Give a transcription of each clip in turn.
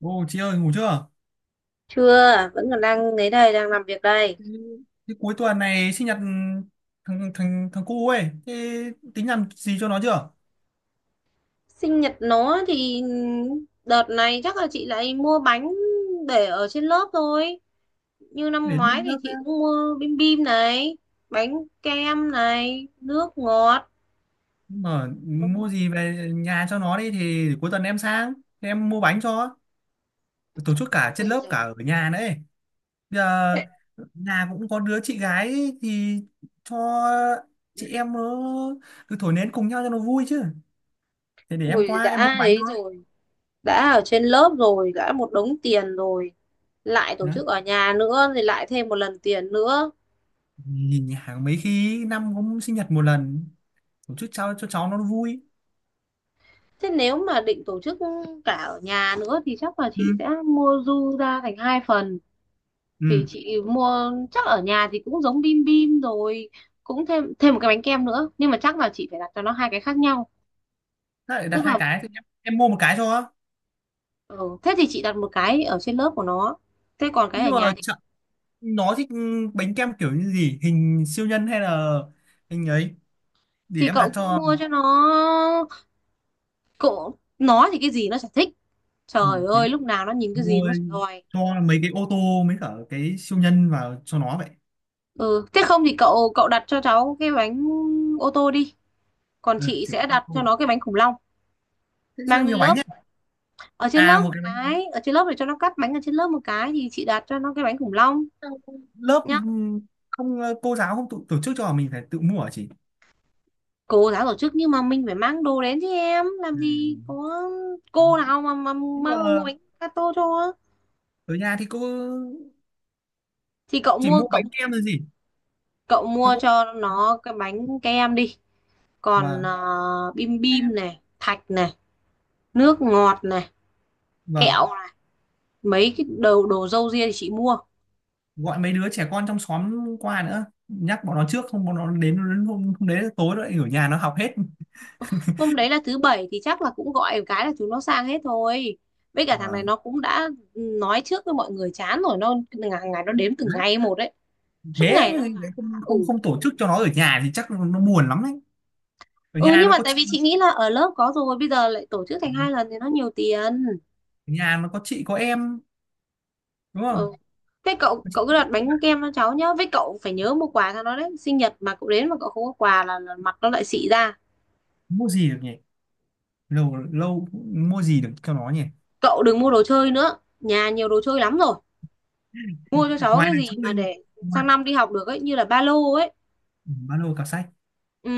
Ô chị ơi, ngủ chưa? Chưa, vẫn còn đang ấy đây, đang làm việc đây. Ừ. Thế cuối tuần này sinh nhật thằng thằng thằng cu ấy, thế tính làm gì cho nó chưa? Sinh nhật nó thì đợt này chắc là chị lại mua bánh để ở trên lớp thôi. Như năm Đến ngoái lên thì lớp nước chị cũng ấy. mua bim bim này, bánh kem này, nước ngọt. Mà mua gì về nhà cho nó đi thì cuối tuần em sang. Thế em mua bánh cho. Tổ chức cả Ui trên lớp cả giời, ở nhà nữa ấy. Bây giờ nhà cũng có đứa chị gái ấy, thì cho chị em nó cứ thổi nến cùng nhau cho nó vui chứ. Thế để em ui qua em mua đã bánh ấy nó. rồi, đã ở trên lớp rồi, đã một đống tiền rồi. Lại tổ Đó. chức ở nhà nữa thì lại thêm một lần tiền nữa. Nhìn nhà mấy khi năm cũng sinh nhật một lần, một chút cháu cho cháu nó vui. Thế nếu mà định tổ chức cả ở nhà nữa thì chắc là Ừ. chị sẽ mua du ra thành hai phần. Ừ. Thì chị mua chắc ở nhà thì cũng giống bim bim rồi, cũng thêm thêm một cái bánh kem nữa, nhưng mà chắc là chị phải đặt cho nó hai cái khác nhau. Thế lại đặt Tức hai là cái thì em mua một cái cho. ừ, thế thì chị đặt một cái ở trên lớp của nó, thế còn cái Thế ở nhưng mà nhà chợ- nó thích, bánh kem kiểu như gì hình siêu nhân hay là hình ấy, để thì em cậu đặt cứ cho. mua cho nó. Cậu nó thì cái gì nó chả thích, Ừ, trời thế thì ơi lúc nào nó nhìn cái gì mua nó chả đòi. cho mấy cái ô tô mấy cả cái siêu nhân vào cho nó vậy. Ừ thế không thì cậu cậu đặt cho cháu cái bánh ô tô đi, còn Ừ, chị thì sẽ mấy cái ô đặt cho tô. nó cái bánh khủng long Thế sao mang lên nhiều bánh lớp. nhá. Ở trên À, lớp một một cái bánh. cái, ở trên lớp để cho nó cắt bánh, ở trên lớp một cái thì chị đặt cho nó cái bánh khủng long Sao lớp? Ừ, nhá. Không, cô giáo không tổ chức cho mình phải tự mua hả chị? Cô giáo tổ chức nhưng mà mình phải mang đồ đến chứ, em làm Ừ. gì có cô nào mà Nhưng mang mua mà bánh gato cho. ở nhà thì cô Thì cậu chỉ mua mua cậu bánh kem là gì? cậu Thế mua cô. cho nó cái bánh kem đi, còn Vâng. Bim Ừ. bim này, thạch này, nước ngọt này, Vâng. kẹo này. Mấy cái đồ đồ râu ria thì chị mua. Gọi mấy đứa trẻ con trong xóm qua nữa, nhắc bọn nó trước không bọn nó đến đến hôm đấy tối nó lại ở nhà nó học hết. Hôm đấy là thứ bảy thì chắc là cũng gọi một cái là chúng nó sang hết thôi, với cả thằng này Vâng. nó cũng đã nói trước với mọi người chán rồi, nó ngày nó đếm từng Đấy. ngày một đấy, suốt Thế ngày mà nó bảo lại là không không ừ không tổ chức cho nó ở nhà thì chắc nó buồn lắm đấy. Ở ừ, nhà nhưng nó mà có tại chị. vì chị nghĩ là ở lớp có rồi, bây giờ lại tổ chức thành Ở hai lần thì nó nhiều tiền. nhà nó có chị có em, đúng Ừ. không? Thế cậu Có chị cậu cứ có đặt em, bạn. bánh kem cho cháu nhá, với cậu phải nhớ mua quà cho nó đấy, sinh nhật mà cậu đến mà cậu không có quà là, mặt nó lại xị ra. Mua gì được nhỉ? Lâu lâu mua gì được cho nó nhỉ? Cậu đừng mua đồ chơi nữa, nhà nhiều đồ chơi lắm rồi, mua cho cháu Ngoài cái là gì chữ mà linh, để ngoài. sang năm đi học được ấy, như là ba lô ấy. Ừ, ba lô cặp sách. Ừ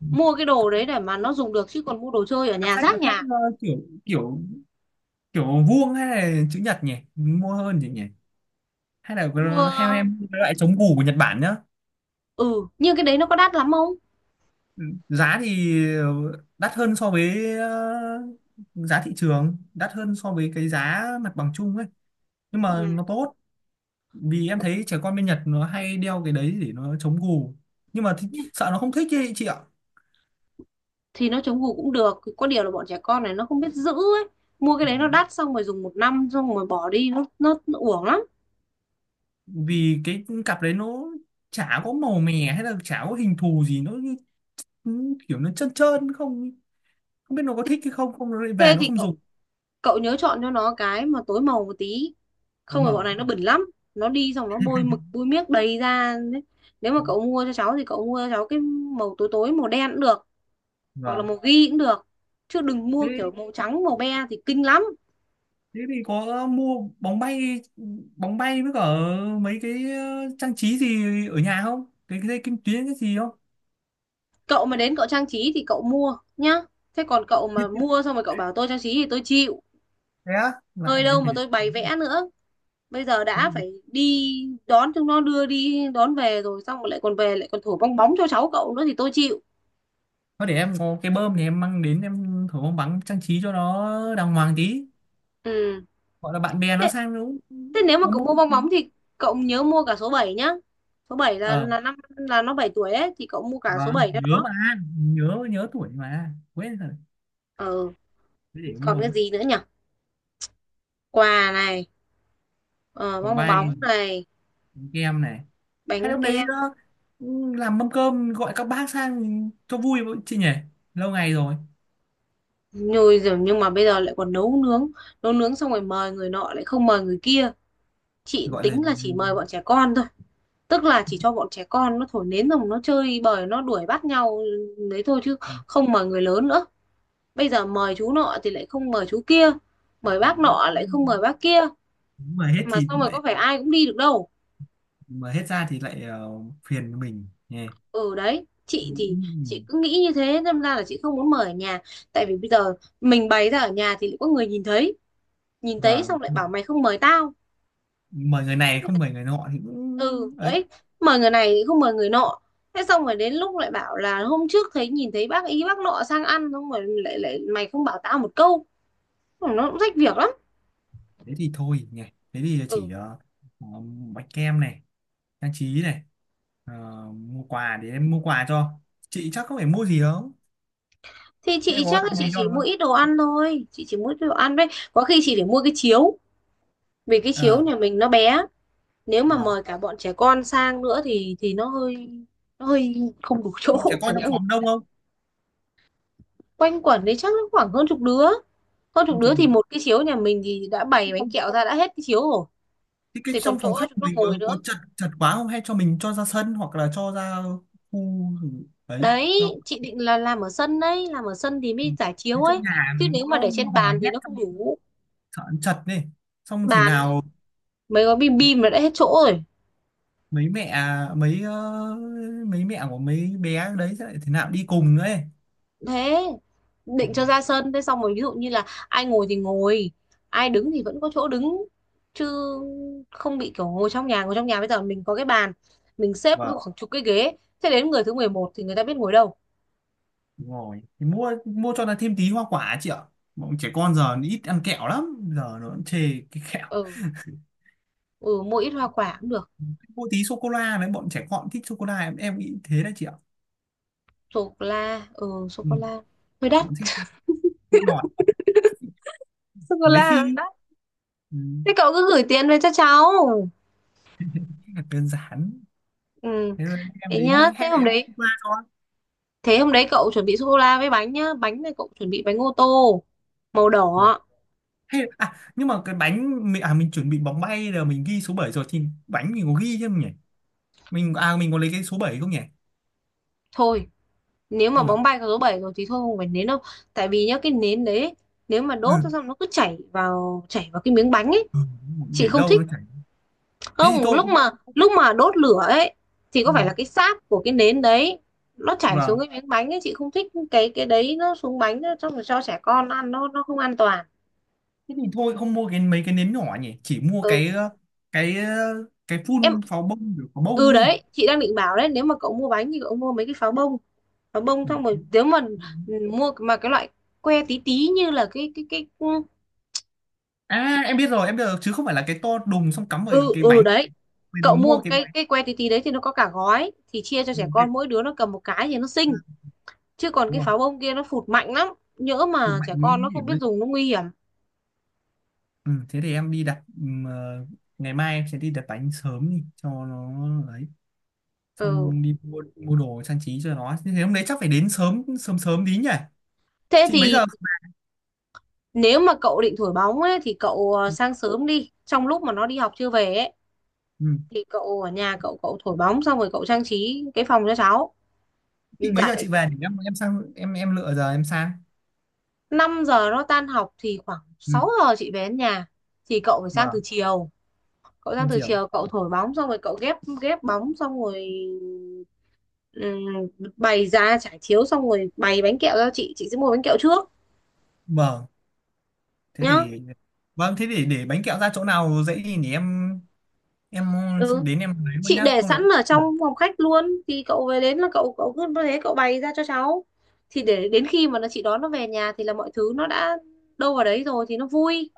Ừ. mua cái đồ đấy để mà nó dùng được, chứ còn mua đồ chơi ở Cặp nhà sách nó rác thích, nhà. Kiểu kiểu kiểu vuông hay là chữ nhật nhỉ? Mua hơn gì nhỉ? Hay là theo Mua em cái loại chống củ của Nhật Bản nhá. ừ, nhưng cái đấy nó có đắt lắm không. Giá thì đắt hơn so với, giá thị trường, đắt hơn so với cái giá mặt bằng chung ấy, nhưng mà nó tốt, vì em thấy trẻ con bên Nhật nó hay đeo cái đấy để nó chống gù. Nhưng mà thì Ừ. sợ nó không thích ấy chị ạ. Thì nó chống gù cũng được, có điều là bọn trẻ con này nó không biết giữ ấy, mua cái đấy nó Vâng. đắt xong rồi dùng một năm xong rồi bỏ đi, nó uổng lắm. Vì cái cặp đấy nó chả có màu mè hay là chả có hình thù gì, nó như- như kiểu nó trơn trơn, không không biết nó có thích hay không, không nó lại về Thế nó thì không cậu dùng. cậu nhớ chọn cho nó cái mà tối màu một tí, Phối không phải bọn này màu. nó bẩn lắm, nó đi xong nó bôi mực bôi miếc đầy ra đấy. Nếu mà cậu mua cho cháu thì cậu mua cho cháu cái màu tối, tối màu đen cũng được, hoặc là Vâng. màu ghi cũng được, chứ đừng mua Thế kiểu màu trắng màu be thì kinh lắm. thế thì có, mua bóng bay, bóng bay với cả mấy cái, trang trí gì ở nhà không, cái cái dây kim tuyến cái gì không? Cậu mà đến cậu trang trí thì cậu mua nhá, thế còn cậu mà mua xong rồi cậu bảo tôi trang trí thì tôi chịu, Thế á, lại nơi để đâu em phải. mà tôi bày vẽ nữa. Bây giờ đã phải đi đón chúng nó, đưa đi đón về rồi, xong rồi lại còn về lại còn thổi bong bóng cho cháu cậu nữa thì tôi chịu. Thôi để em có cái bơm thì em mang đến em thử bóng bắn trang trí cho nó đàng hoàng tí. Ừ Gọi là bạn bè nó thế, sang nó cũng-. thế nếu mà Có cậu một. mua bong bóng thì cậu nhớ mua cả số 7 nhá, số 7 là Ờ. là năm là nó 7 tuổi ấy, thì cậu mua cả số Vâng, 7 cho nhớ nó. mà. Nhớ nhớ tuổi mà quên rồi. Ờ Thế để còn mua cái ấy. gì nữa nhỉ, quà này, ờ, Bóng bong bay. bóng này, Bóng kem này. Hay là bánh hôm đấy, kem làm mâm cơm gọi các bác sang cho vui với chị nhỉ, lâu ngày rồi. nhồi rồi, nhưng mà bây giờ lại còn nấu nướng, nấu nướng xong rồi mời người nọ lại không mời người kia. Chị Gọi là. tính là chỉ mời bọn trẻ con thôi, tức là chỉ cho bọn trẻ con nó thổi nến rồi nó chơi bời nó đuổi bắt nhau đấy thôi, chứ À. không mời người lớn nữa. Bây giờ mời chú nọ thì lại không mời chú kia, mời bác nọ lại không mời bác kia, Mà hết mà thì xong rồi có lại. phải ai cũng đi được đâu. Mà hết ra thì lại, phiền mình nhé. Ừ đấy, chị thì chị cứ nghĩ như thế nên ra là chị không muốn mời ở nhà, tại vì bây giờ mình bày ra ở nhà thì lại có người nhìn thấy, nhìn thấy Vâng. xong lại bảo mày không mời tao. Mời người này không mời người nọ thì Ừ cũng ấy. đấy, mời người này thì không mời người nọ, thế xong rồi đến lúc lại bảo là hôm trước nhìn thấy bác ý bác nọ sang ăn xong rồi lại lại mày không bảo tao một câu. Ừ, nó cũng rách việc lắm. Thế thì thôi nhỉ. Thế thì Ừ. chỉ, ờ, bánh kem này, trang trí này, ờ, mua quà. Để em mua quà cho. Chị chắc không phải mua gì không? Thì Thế chị có chắc là tặng gì chị cho chỉ mua không? ít đồ ăn thôi, chị chỉ mua ít đồ ăn đấy. Có khi chị phải mua cái chiếu, vì cái chiếu Ờ. nhà mình nó bé, nếu mà Vâng. mời cả bọn trẻ con sang nữa thì nó hơi, nó hơi không đủ Bộ trẻ chỗ con chẳng trong nhẽ. xóm đông không? Quanh quẩn đấy chắc nó khoảng hơn chục đứa, hơn chục Hơn chục đứa đứa. thì một cái chiếu nhà mình thì đã bày Thế bánh không. kẹo ra đã hết cái chiếu rồi, Thế cái thì còn trong chỗ phòng khách cho nó mình ngồi nữa. có chật chật quá không hay cho mình cho ra sân hoặc là cho ra khu đấy? Đấy Đâu. chị định là làm ở sân đấy, làm ở sân thì Ừ. mới giải Thế chiếu trong ấy, nhà chứ nếu mà nó để trên hò bàn thì hét nó không trong, đủ. sợ chật này, xong thế Bàn nhá, nào. mấy gói bim bim là đã hết chỗ rồi. Mấy mẹ, mấy, mấy mẹ của mấy bé đấy sẽ lại thế nào đi cùng nữa ấy. Thế Ừ. định cho ra sân, thế xong rồi ví dụ như là ai ngồi thì ngồi, ai đứng thì vẫn có chỗ đứng, chứ không bị kiểu ngồi trong nhà. Ngồi trong nhà bây giờ mình có cái bàn, mình xếp với Vâng. khoảng chục cái ghế, thế đến người thứ 11 thì người ta biết ngồi đâu. Đúng rồi, thì mua mua cho nó thêm tí hoa quả chị ạ. Bọn trẻ con giờ nó ít ăn kẹo lắm, giờ nó cũng chê cái kẹo. Ừ ừ mua ít hoa quả cũng được. Mua tí sô cô la đấy, bọn trẻ con thích sô cô la, em nghĩ thế đấy chị ạ. Sô cô la ừ sô Ừ, cô la hơi đắt. bọn thích, thích ngọt. Sô cô Mấy la. khi. Ừ, Thế cậu cứ gửi tiền về cho cháu. là đơn giản. Ừ, Thế rồi em thế đến nhá. đây Thế hay là hôm em đấy, qua cho? thế hôm đấy cậu chuẩn bị sô cô la với bánh nhá. Bánh này cậu chuẩn bị bánh ô tô màu Rồi. đỏ. Hay là, à nhưng mà cái bánh mình, à mình chuẩn bị bóng bay rồi mình ghi số 7 rồi thì bánh mình có ghi chứ không nhỉ? Mình, à mình có lấy cái số bảy không nhỉ? Thôi, nếu mà Thôi. bóng bay có số 7 rồi thì thôi không phải nến đâu. Tại vì nhá cái nến đấy, nếu mà đốt Ừ. ra xong nó cứ chảy vào cái miếng bánh ấy, Ừ, để chị không lâu nó thích. chảy. Thế thì Không, thôi. lúc mà đốt lửa ấy thì Ừ. có phải là cái sáp của cái nến đấy, nó chảy xuống Vâng, cái miếng bánh ấy, chị không thích cái đấy, nó xuống bánh nó xong rồi cho trẻ con ăn nó không an toàn. thế thì thôi không mua cái mấy cái nến nhỏ nhỉ, chỉ mua Ừ cái, cái, cái em phun pháo bông kiểu pháo ừ bông ấy. đấy chị đang định bảo đấy, nếu mà cậu mua bánh thì cậu mua mấy cái pháo bông, pháo bông xong rồi Ừ. nếu mà ừ, mua mà cái loại que tí tí như là cái À em biết rồi, chứ không phải là cái to đùng xong cắm vào ừ cái ừ bánh. đấy, cậu Mình mua mua cái que tí tí đấy thì nó có cả gói thì chia cho trẻ cái. con mỗi đứa nó cầm một cái thì nó xinh, chứ còn Đúng cái rồi. pháo bông kia nó phụt mạnh lắm, nhỡ Hụt mà mạnh trẻ con nguy nó không hiểm biết đấy. dùng nó nguy hiểm. Ừ, thế thì em đi đặt, ngày mai em sẽ đi đặt bánh sớm đi cho nó ấy, Ừ xong đi mua mua đồ trang trí cho nó. Thế hôm đấy chắc phải đến sớm sớm sớm tí nhỉ. thế Chị mấy thì giờ? nếu mà cậu định thổi bóng ấy thì cậu sang sớm đi, trong lúc mà nó đi học chưa về ấy Ừ. thì cậu ở nhà, cậu cậu thổi bóng xong rồi cậu trang trí cái phòng cho cháu. Chị mấy giờ Dạy chị về để em sang em lựa giờ em sang? 5 giờ nó tan học thì khoảng Ừ. 6 giờ chị về đến nhà, thì cậu phải sang từ Vâng. chiều, cậu sang Em từ chiều. chiều cậu thổi bóng xong rồi cậu ghép ghép bóng xong rồi, ừm, bày ra trải chiếu xong rồi bày bánh kẹo cho chị sẽ mua bánh kẹo trước Vâng, thế nhá. thì. Vâng thế thì để bánh kẹo ra chỗ nào dễ thì để em Ừ. đến em lấy luôn Chị nhá để không lẽ. sẵn ở trong phòng khách luôn thì cậu về đến là cậu cậu cứ thế cậu bày ra cho cháu, thì để đến khi mà nó chị đón nó về nhà thì là mọi thứ nó đã đâu vào đấy rồi thì nó vui.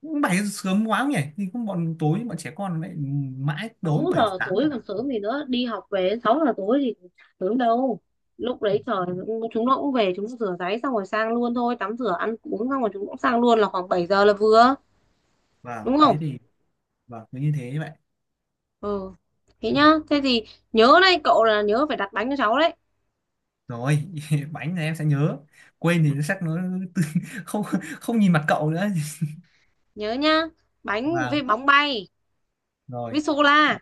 Cũng 7 giờ sớm quá không nhỉ thì cũng bọn tối bọn trẻ con lại mãi tối sáu bảy giờ sáng tối còn sớm gì nữa, đi học về 6 giờ tối thì sớm đâu, lúc Ừ. đấy trời chúng nó cũng về, chúng nó rửa ráy xong rồi sang luôn thôi, tắm rửa ăn uống xong rồi chúng cũng sang luôn là khoảng 7 giờ là vừa, Vâng, đúng thế không. thì. Vâng, cứ như thế vậy. Ừ thế Ừ. nhá, thế thì nhớ đấy cậu là nhớ phải đặt bánh cho cháu đấy. Rồi, bánh này em sẽ nhớ. Quên Ừ, thì nó chắc nó không không nhìn mặt cậu nữa. nhớ nhá, bánh với Vâng, bóng bay rồi. với sô la,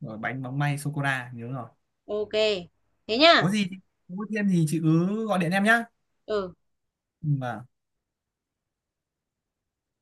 Rồi, bánh móng may sô cô la nhớ rồi. ok thế Có nhá gì thì có thêm gì chị cứ gọi điện em nhá. ừ Ừ. Vâng.